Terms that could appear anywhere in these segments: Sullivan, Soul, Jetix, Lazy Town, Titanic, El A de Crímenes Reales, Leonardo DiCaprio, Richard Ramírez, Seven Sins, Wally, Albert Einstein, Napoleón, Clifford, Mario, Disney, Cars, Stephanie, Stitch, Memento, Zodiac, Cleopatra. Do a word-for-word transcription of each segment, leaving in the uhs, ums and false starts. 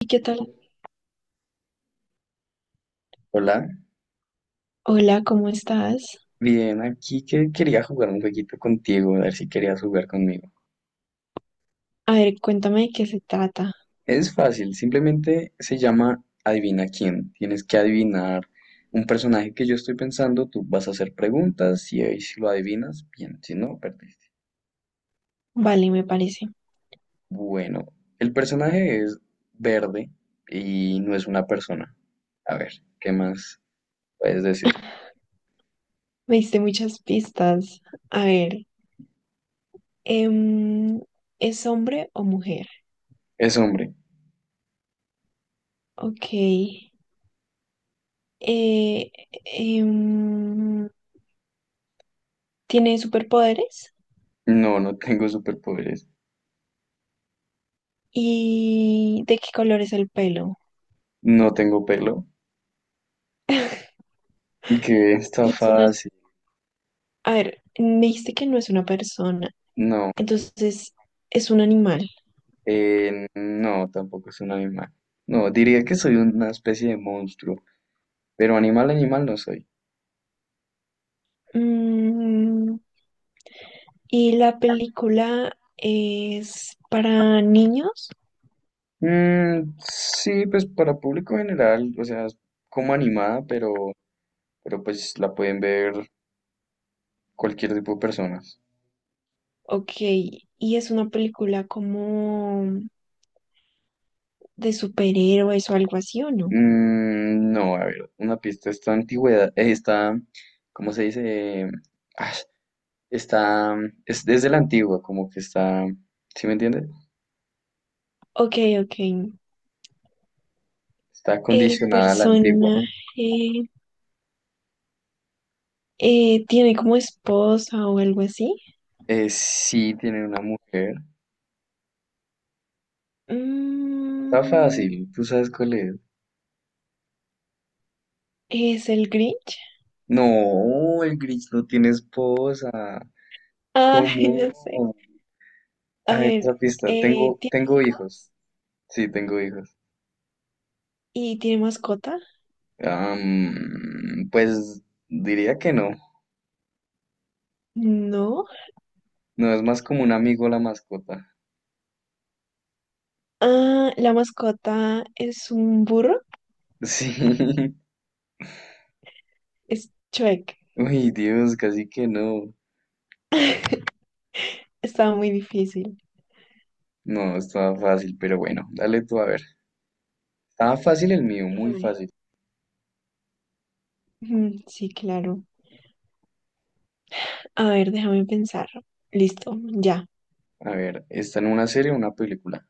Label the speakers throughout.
Speaker 1: ¿Y qué tal?
Speaker 2: Hola,
Speaker 1: Hola, ¿cómo estás?
Speaker 2: bien, aquí que quería jugar un jueguito contigo, a ver si querías jugar conmigo.
Speaker 1: A ver, cuéntame de qué se trata.
Speaker 2: Es fácil, simplemente se llama Adivina quién. Tienes que adivinar un personaje que yo estoy pensando, tú vas a hacer preguntas y ahí si lo adivinas, bien, si no, perdiste.
Speaker 1: Vale, me parece.
Speaker 2: Bueno, el personaje es verde y no es una persona. A ver, ¿qué más puedes decir?
Speaker 1: Me diste muchas pistas. A ver, em, ¿es hombre o mujer?
Speaker 2: Es hombre.
Speaker 1: Ok. Eh, em, ¿tiene superpoderes?
Speaker 2: No, no tengo superpoderes.
Speaker 1: ¿Y de qué color es el pelo?
Speaker 2: No tengo pelo. Que está
Speaker 1: Y es una,
Speaker 2: fácil.
Speaker 1: a ver, me dijiste que no es una persona,
Speaker 2: No,
Speaker 1: entonces es un animal.
Speaker 2: Eh, no, tampoco es un animal. No, diría que soy una especie de monstruo, pero animal, animal no soy.
Speaker 1: Mm, ¿Y la película es para niños?
Speaker 2: Mm, sí, pues para público general, o sea, es como animada, pero, pero pues la pueden ver cualquier tipo de personas.
Speaker 1: Ok, ¿y es una película como de superhéroes o algo así o no?
Speaker 2: Mm, no, a ver, una pista, esta antigüedad, eh, esta, ¿cómo se dice? Ah, está, es desde la antigua, como que está, ¿sí me entiendes?
Speaker 1: Ok, ok.
Speaker 2: Está
Speaker 1: ¿El
Speaker 2: condicionada a la antigua.
Speaker 1: personaje eh, tiene como esposa o algo así?
Speaker 2: Eh, sí, tiene una mujer. Está
Speaker 1: Mm,
Speaker 2: fácil, tú sabes cuál es.
Speaker 1: ¿Es el Grinch?
Speaker 2: No, el Grinch no tiene esposa.
Speaker 1: Ay,
Speaker 2: ¿Cómo?
Speaker 1: no sé. A
Speaker 2: A ver, otra
Speaker 1: ver,
Speaker 2: pista.
Speaker 1: eh,
Speaker 2: Tengo,
Speaker 1: ¿tiene
Speaker 2: tengo hijos.
Speaker 1: hijos
Speaker 2: Sí, tengo hijos.
Speaker 1: y tiene mascota?
Speaker 2: Am, pues diría que no.
Speaker 1: No.
Speaker 2: No, es más como un amigo la mascota.
Speaker 1: Ah, la mascota es un burro.
Speaker 2: Sí.
Speaker 1: Es Chueque.
Speaker 2: Uy, Dios, casi que no.
Speaker 1: Estaba muy difícil.
Speaker 2: No, estaba fácil, pero bueno, dale tú a ver. Estaba fácil el mío,
Speaker 1: A
Speaker 2: muy
Speaker 1: ver.
Speaker 2: fácil.
Speaker 1: Mm, sí, claro. A ver, déjame pensar. Listo, ya.
Speaker 2: A ver, ¿está en una serie o una película?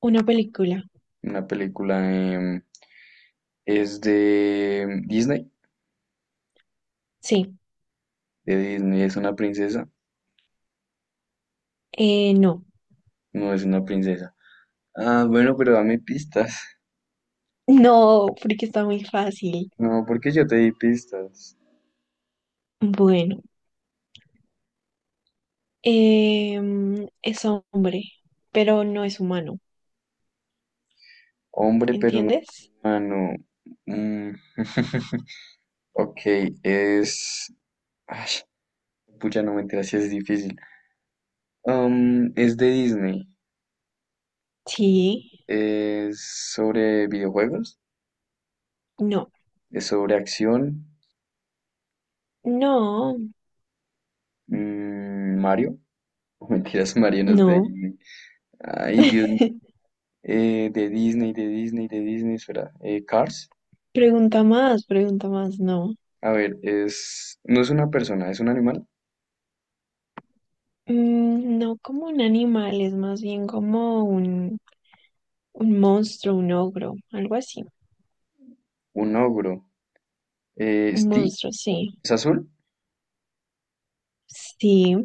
Speaker 1: Una película.
Speaker 2: Una película, em, es de Disney.
Speaker 1: Sí.
Speaker 2: De Disney. ¿Es una princesa?
Speaker 1: Eh, no.
Speaker 2: No es una princesa. Ah, bueno, pero dame pistas.
Speaker 1: No, porque está muy fácil.
Speaker 2: No, porque yo te di pistas.
Speaker 1: Bueno, em, es hombre, pero no es humano.
Speaker 2: Hombre, pero no
Speaker 1: ¿Entiendes?
Speaker 2: humano. Mm. Ok, es... Ay, pucha, no me enteras si es difícil. Um, es de Disney.
Speaker 1: Sí,
Speaker 2: Es sobre videojuegos.
Speaker 1: no,
Speaker 2: Es sobre acción.
Speaker 1: no,
Speaker 2: Mm, Mario. Mentiras, Mario no es de
Speaker 1: no.
Speaker 2: Disney. Ay, Dios mío. Eh, De Disney, de Disney, de Disney. Espera. Eh, Cars.
Speaker 1: Pregunta más, pregunta más, no.
Speaker 2: A ver, es. No es una persona, es un animal.
Speaker 1: Mm, no como un animal, es más bien como un, un, monstruo, un ogro, algo así.
Speaker 2: Un ogro. Eh,
Speaker 1: Un
Speaker 2: Stitch.
Speaker 1: monstruo, sí.
Speaker 2: ¿Es azul?
Speaker 1: Sí,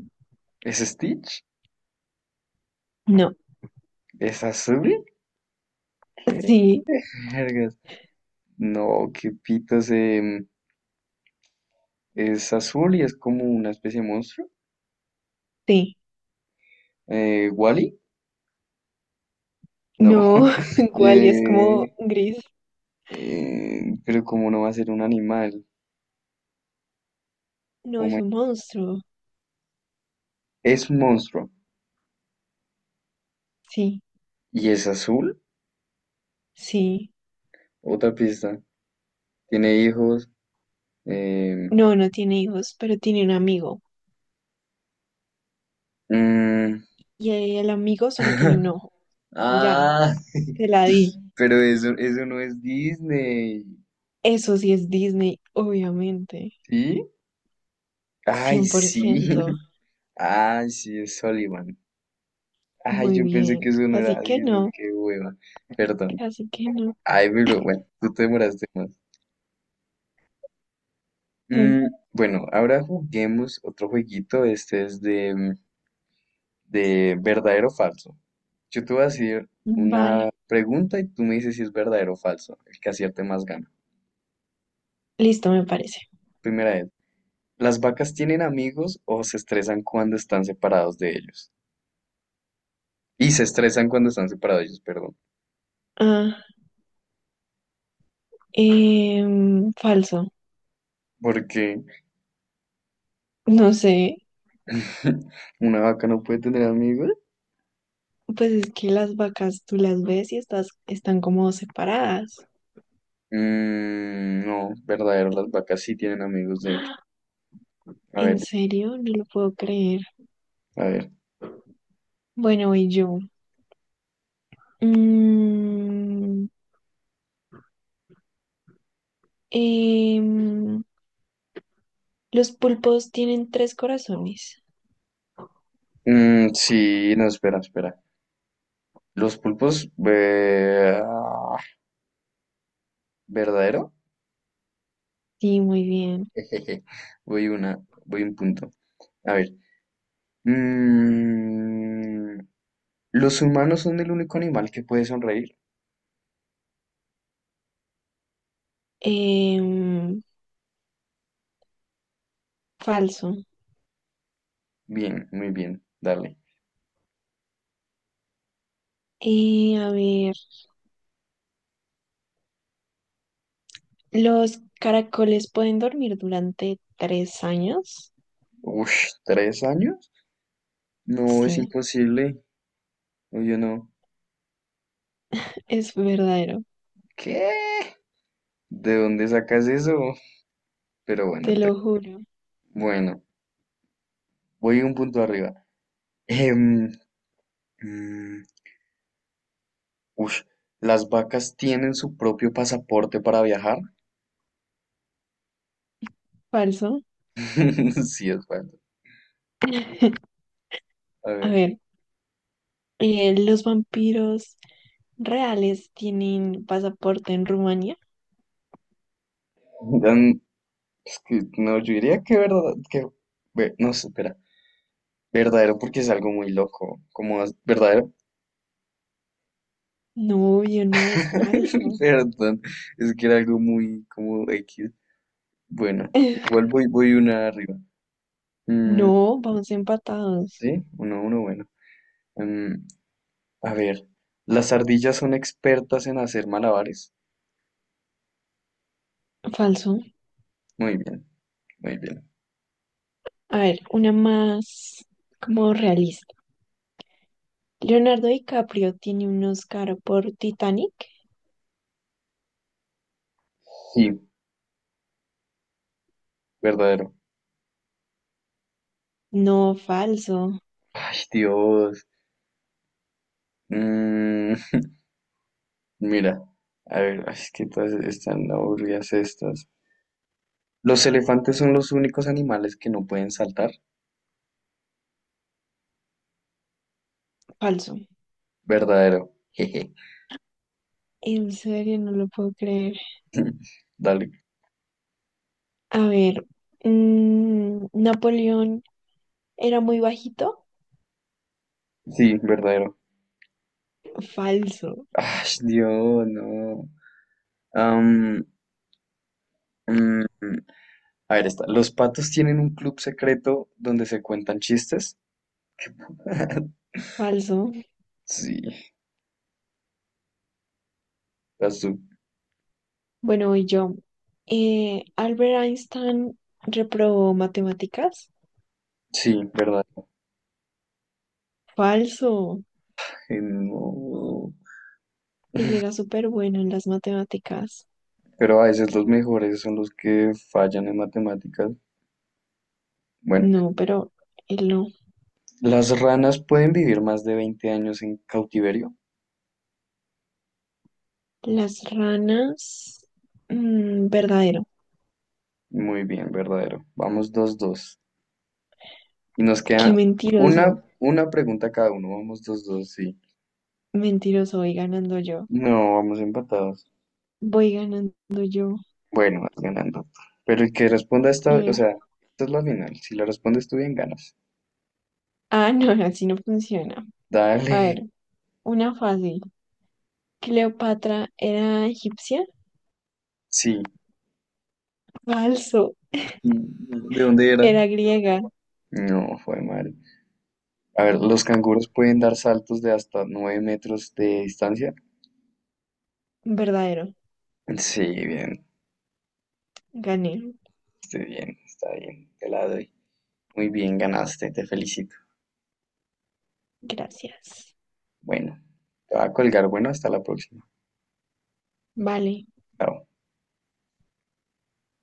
Speaker 2: ¿Es Stitch?
Speaker 1: no,
Speaker 2: ¿Es azul?
Speaker 1: sí,
Speaker 2: Vergas. No, qué pitos. Em, es azul y es como una especie de monstruo.
Speaker 1: sí.
Speaker 2: Eh, ¿Wally? No.
Speaker 1: No, ¿cuál? Y es como
Speaker 2: Eh,
Speaker 1: gris.
Speaker 2: eh, pero como no va a ser un animal.
Speaker 1: No
Speaker 2: Oh
Speaker 1: es
Speaker 2: my-
Speaker 1: un monstruo.
Speaker 2: Es un monstruo.
Speaker 1: Sí,
Speaker 2: ¿Y es azul?
Speaker 1: sí.
Speaker 2: Otra pista. Tiene hijos. em,
Speaker 1: No, no tiene hijos, pero tiene un amigo.
Speaker 2: mm,
Speaker 1: Y el amigo solo tiene un ojo. Ya,
Speaker 2: Ah,
Speaker 1: te la di.
Speaker 2: Pero eso, eso no es Disney,
Speaker 1: Eso sí es Disney, obviamente.
Speaker 2: ¿sí? Ay,
Speaker 1: cien por
Speaker 2: sí.
Speaker 1: ciento,
Speaker 2: Ay, sí, es Sullivan. Ay,
Speaker 1: Muy
Speaker 2: yo pensé
Speaker 1: bien.
Speaker 2: que eso no
Speaker 1: Casi
Speaker 2: era
Speaker 1: que
Speaker 2: Disney,
Speaker 1: no.
Speaker 2: qué hueva. Perdón.
Speaker 1: Casi que no.
Speaker 2: Ay, pero bueno, tú te demoraste más. Mm,
Speaker 1: Mm,
Speaker 2: bueno, ahora juguemos otro jueguito. Este es de, mm, de verdadero o falso. Yo te voy a decir
Speaker 1: vale.
Speaker 2: una pregunta y tú me dices si es verdadero o falso. El que acierte más gana.
Speaker 1: Listo, me parece.
Speaker 2: Primera vez. ¿Las vacas tienen amigos o se estresan cuando están separados de ellos? Y se estresan cuando están separados ellos, perdón.
Speaker 1: Ah, em, falso.
Speaker 2: Porque
Speaker 1: No sé.
Speaker 2: una vaca no puede tener amigos.
Speaker 1: Pues es que las vacas tú las ves y estás, están como separadas.
Speaker 2: Mm, no, verdadero, las vacas sí tienen amigos, de hecho. A ver,
Speaker 1: ¿En serio? No lo puedo creer.
Speaker 2: a ver.
Speaker 1: Bueno, voy yo. Mm, em, los pulpos tienen tres corazones.
Speaker 2: Mm, sí, no, espera, espera. Los pulpos, ve- ah, verdadero.
Speaker 1: Sí, muy bien.
Speaker 2: Jejeje. Voy una, Voy un punto. A ver. Mm, los humanos son el único animal que puede sonreír.
Speaker 1: Em, Falso.
Speaker 2: Bien, muy bien, dale.
Speaker 1: Eh, a ver, ¿los caracoles pueden dormir durante tres años?
Speaker 2: Ush, ¿tres años? No, es
Speaker 1: Sí,
Speaker 2: imposible. O yo no.
Speaker 1: es verdadero,
Speaker 2: ¿Qué? ¿De dónde sacas eso? Pero
Speaker 1: te
Speaker 2: bueno, te-
Speaker 1: lo juro.
Speaker 2: bueno, voy un punto arriba. Em, mm, Ush, ¿las vacas tienen su propio pasaporte para viajar?
Speaker 1: Falso.
Speaker 2: Sí, es bueno. A
Speaker 1: A
Speaker 2: ver.
Speaker 1: ver, eh, ¿los vampiros reales tienen pasaporte en Rumania?
Speaker 2: dan- es que, no, yo diría que verdad, que, ve- no sé, espera. Verdadero porque es algo muy loco. Como as- verdadero.
Speaker 1: No, yo no, es falso.
Speaker 2: Perdón, es que era algo muy como X. Bueno, igual voy, voy una arriba. Mm,
Speaker 1: No, vamos empatados.
Speaker 2: sí, uno, uno, bueno. Mm, a ver, ¿las ardillas son expertas en hacer malabares?
Speaker 1: Falso.
Speaker 2: Muy bien, muy bien.
Speaker 1: A ver, una más como realista. ¿Leonardo DiCaprio tiene un Oscar por Titanic?
Speaker 2: Sí, verdadero.
Speaker 1: No, falso,
Speaker 2: Ay, Dios. Mm, Mira, a ver, ay, es que todas están aburridas estas. ¿Los elefantes son los únicos animales que no pueden saltar?
Speaker 1: falso.
Speaker 2: Verdadero. Jeje.
Speaker 1: En serio, no lo puedo creer.
Speaker 2: Dale.
Speaker 1: A ver, mm, Napoleón era muy bajito.
Speaker 2: Sí, verdadero.
Speaker 1: Falso,
Speaker 2: Ay, Dios, no. Am, mm, a ver, esta. ¿Los patos tienen un club secreto donde se cuentan chistes?
Speaker 1: falso.
Speaker 2: Sí, las du-
Speaker 1: Bueno, voy yo. Eh, Albert Einstein reprobó matemáticas.
Speaker 2: sí, verdad.
Speaker 1: Falso.
Speaker 2: Eh, no,
Speaker 1: Él era súper bueno en las matemáticas.
Speaker 2: pero a veces los mejores son los que fallan en matemáticas. Bueno,
Speaker 1: No, pero él no.
Speaker 2: las ranas pueden vivir más de veinte años en cautiverio.
Speaker 1: Las ranas. Mm, verdadero.
Speaker 2: Muy bien, verdadero. Vamos dos dos. Y nos
Speaker 1: Qué
Speaker 2: queda
Speaker 1: mentiroso.
Speaker 2: una, una pregunta cada uno. Vamos dos dos sí.
Speaker 1: Mentiroso, voy ganando yo.
Speaker 2: No, vamos empatados.
Speaker 1: Voy ganando yo.
Speaker 2: Bueno, vas ganando. Pero el que responda
Speaker 1: A
Speaker 2: esta, o
Speaker 1: ver.
Speaker 2: sea, esta es la final. Si la respondes tú bien, ganas.
Speaker 1: Ah, no, así no funciona. A
Speaker 2: Dale.
Speaker 1: ver, una fácil. ¿Cleopatra era egipcia?
Speaker 2: Sí.
Speaker 1: Falso.
Speaker 2: ¿De dónde era?
Speaker 1: Era griega.
Speaker 2: No, fue madre. A ver, ¿los canguros pueden dar saltos de hasta nueve metros de distancia?
Speaker 1: Verdadero.
Speaker 2: Sí, bien,
Speaker 1: Gané.
Speaker 2: estoy bien, está bien, te la doy. Muy bien, ganaste, te felicito.
Speaker 1: Gracias.
Speaker 2: Bueno, te va a colgar. Bueno, hasta la próxima.
Speaker 1: Vale.
Speaker 2: Chao.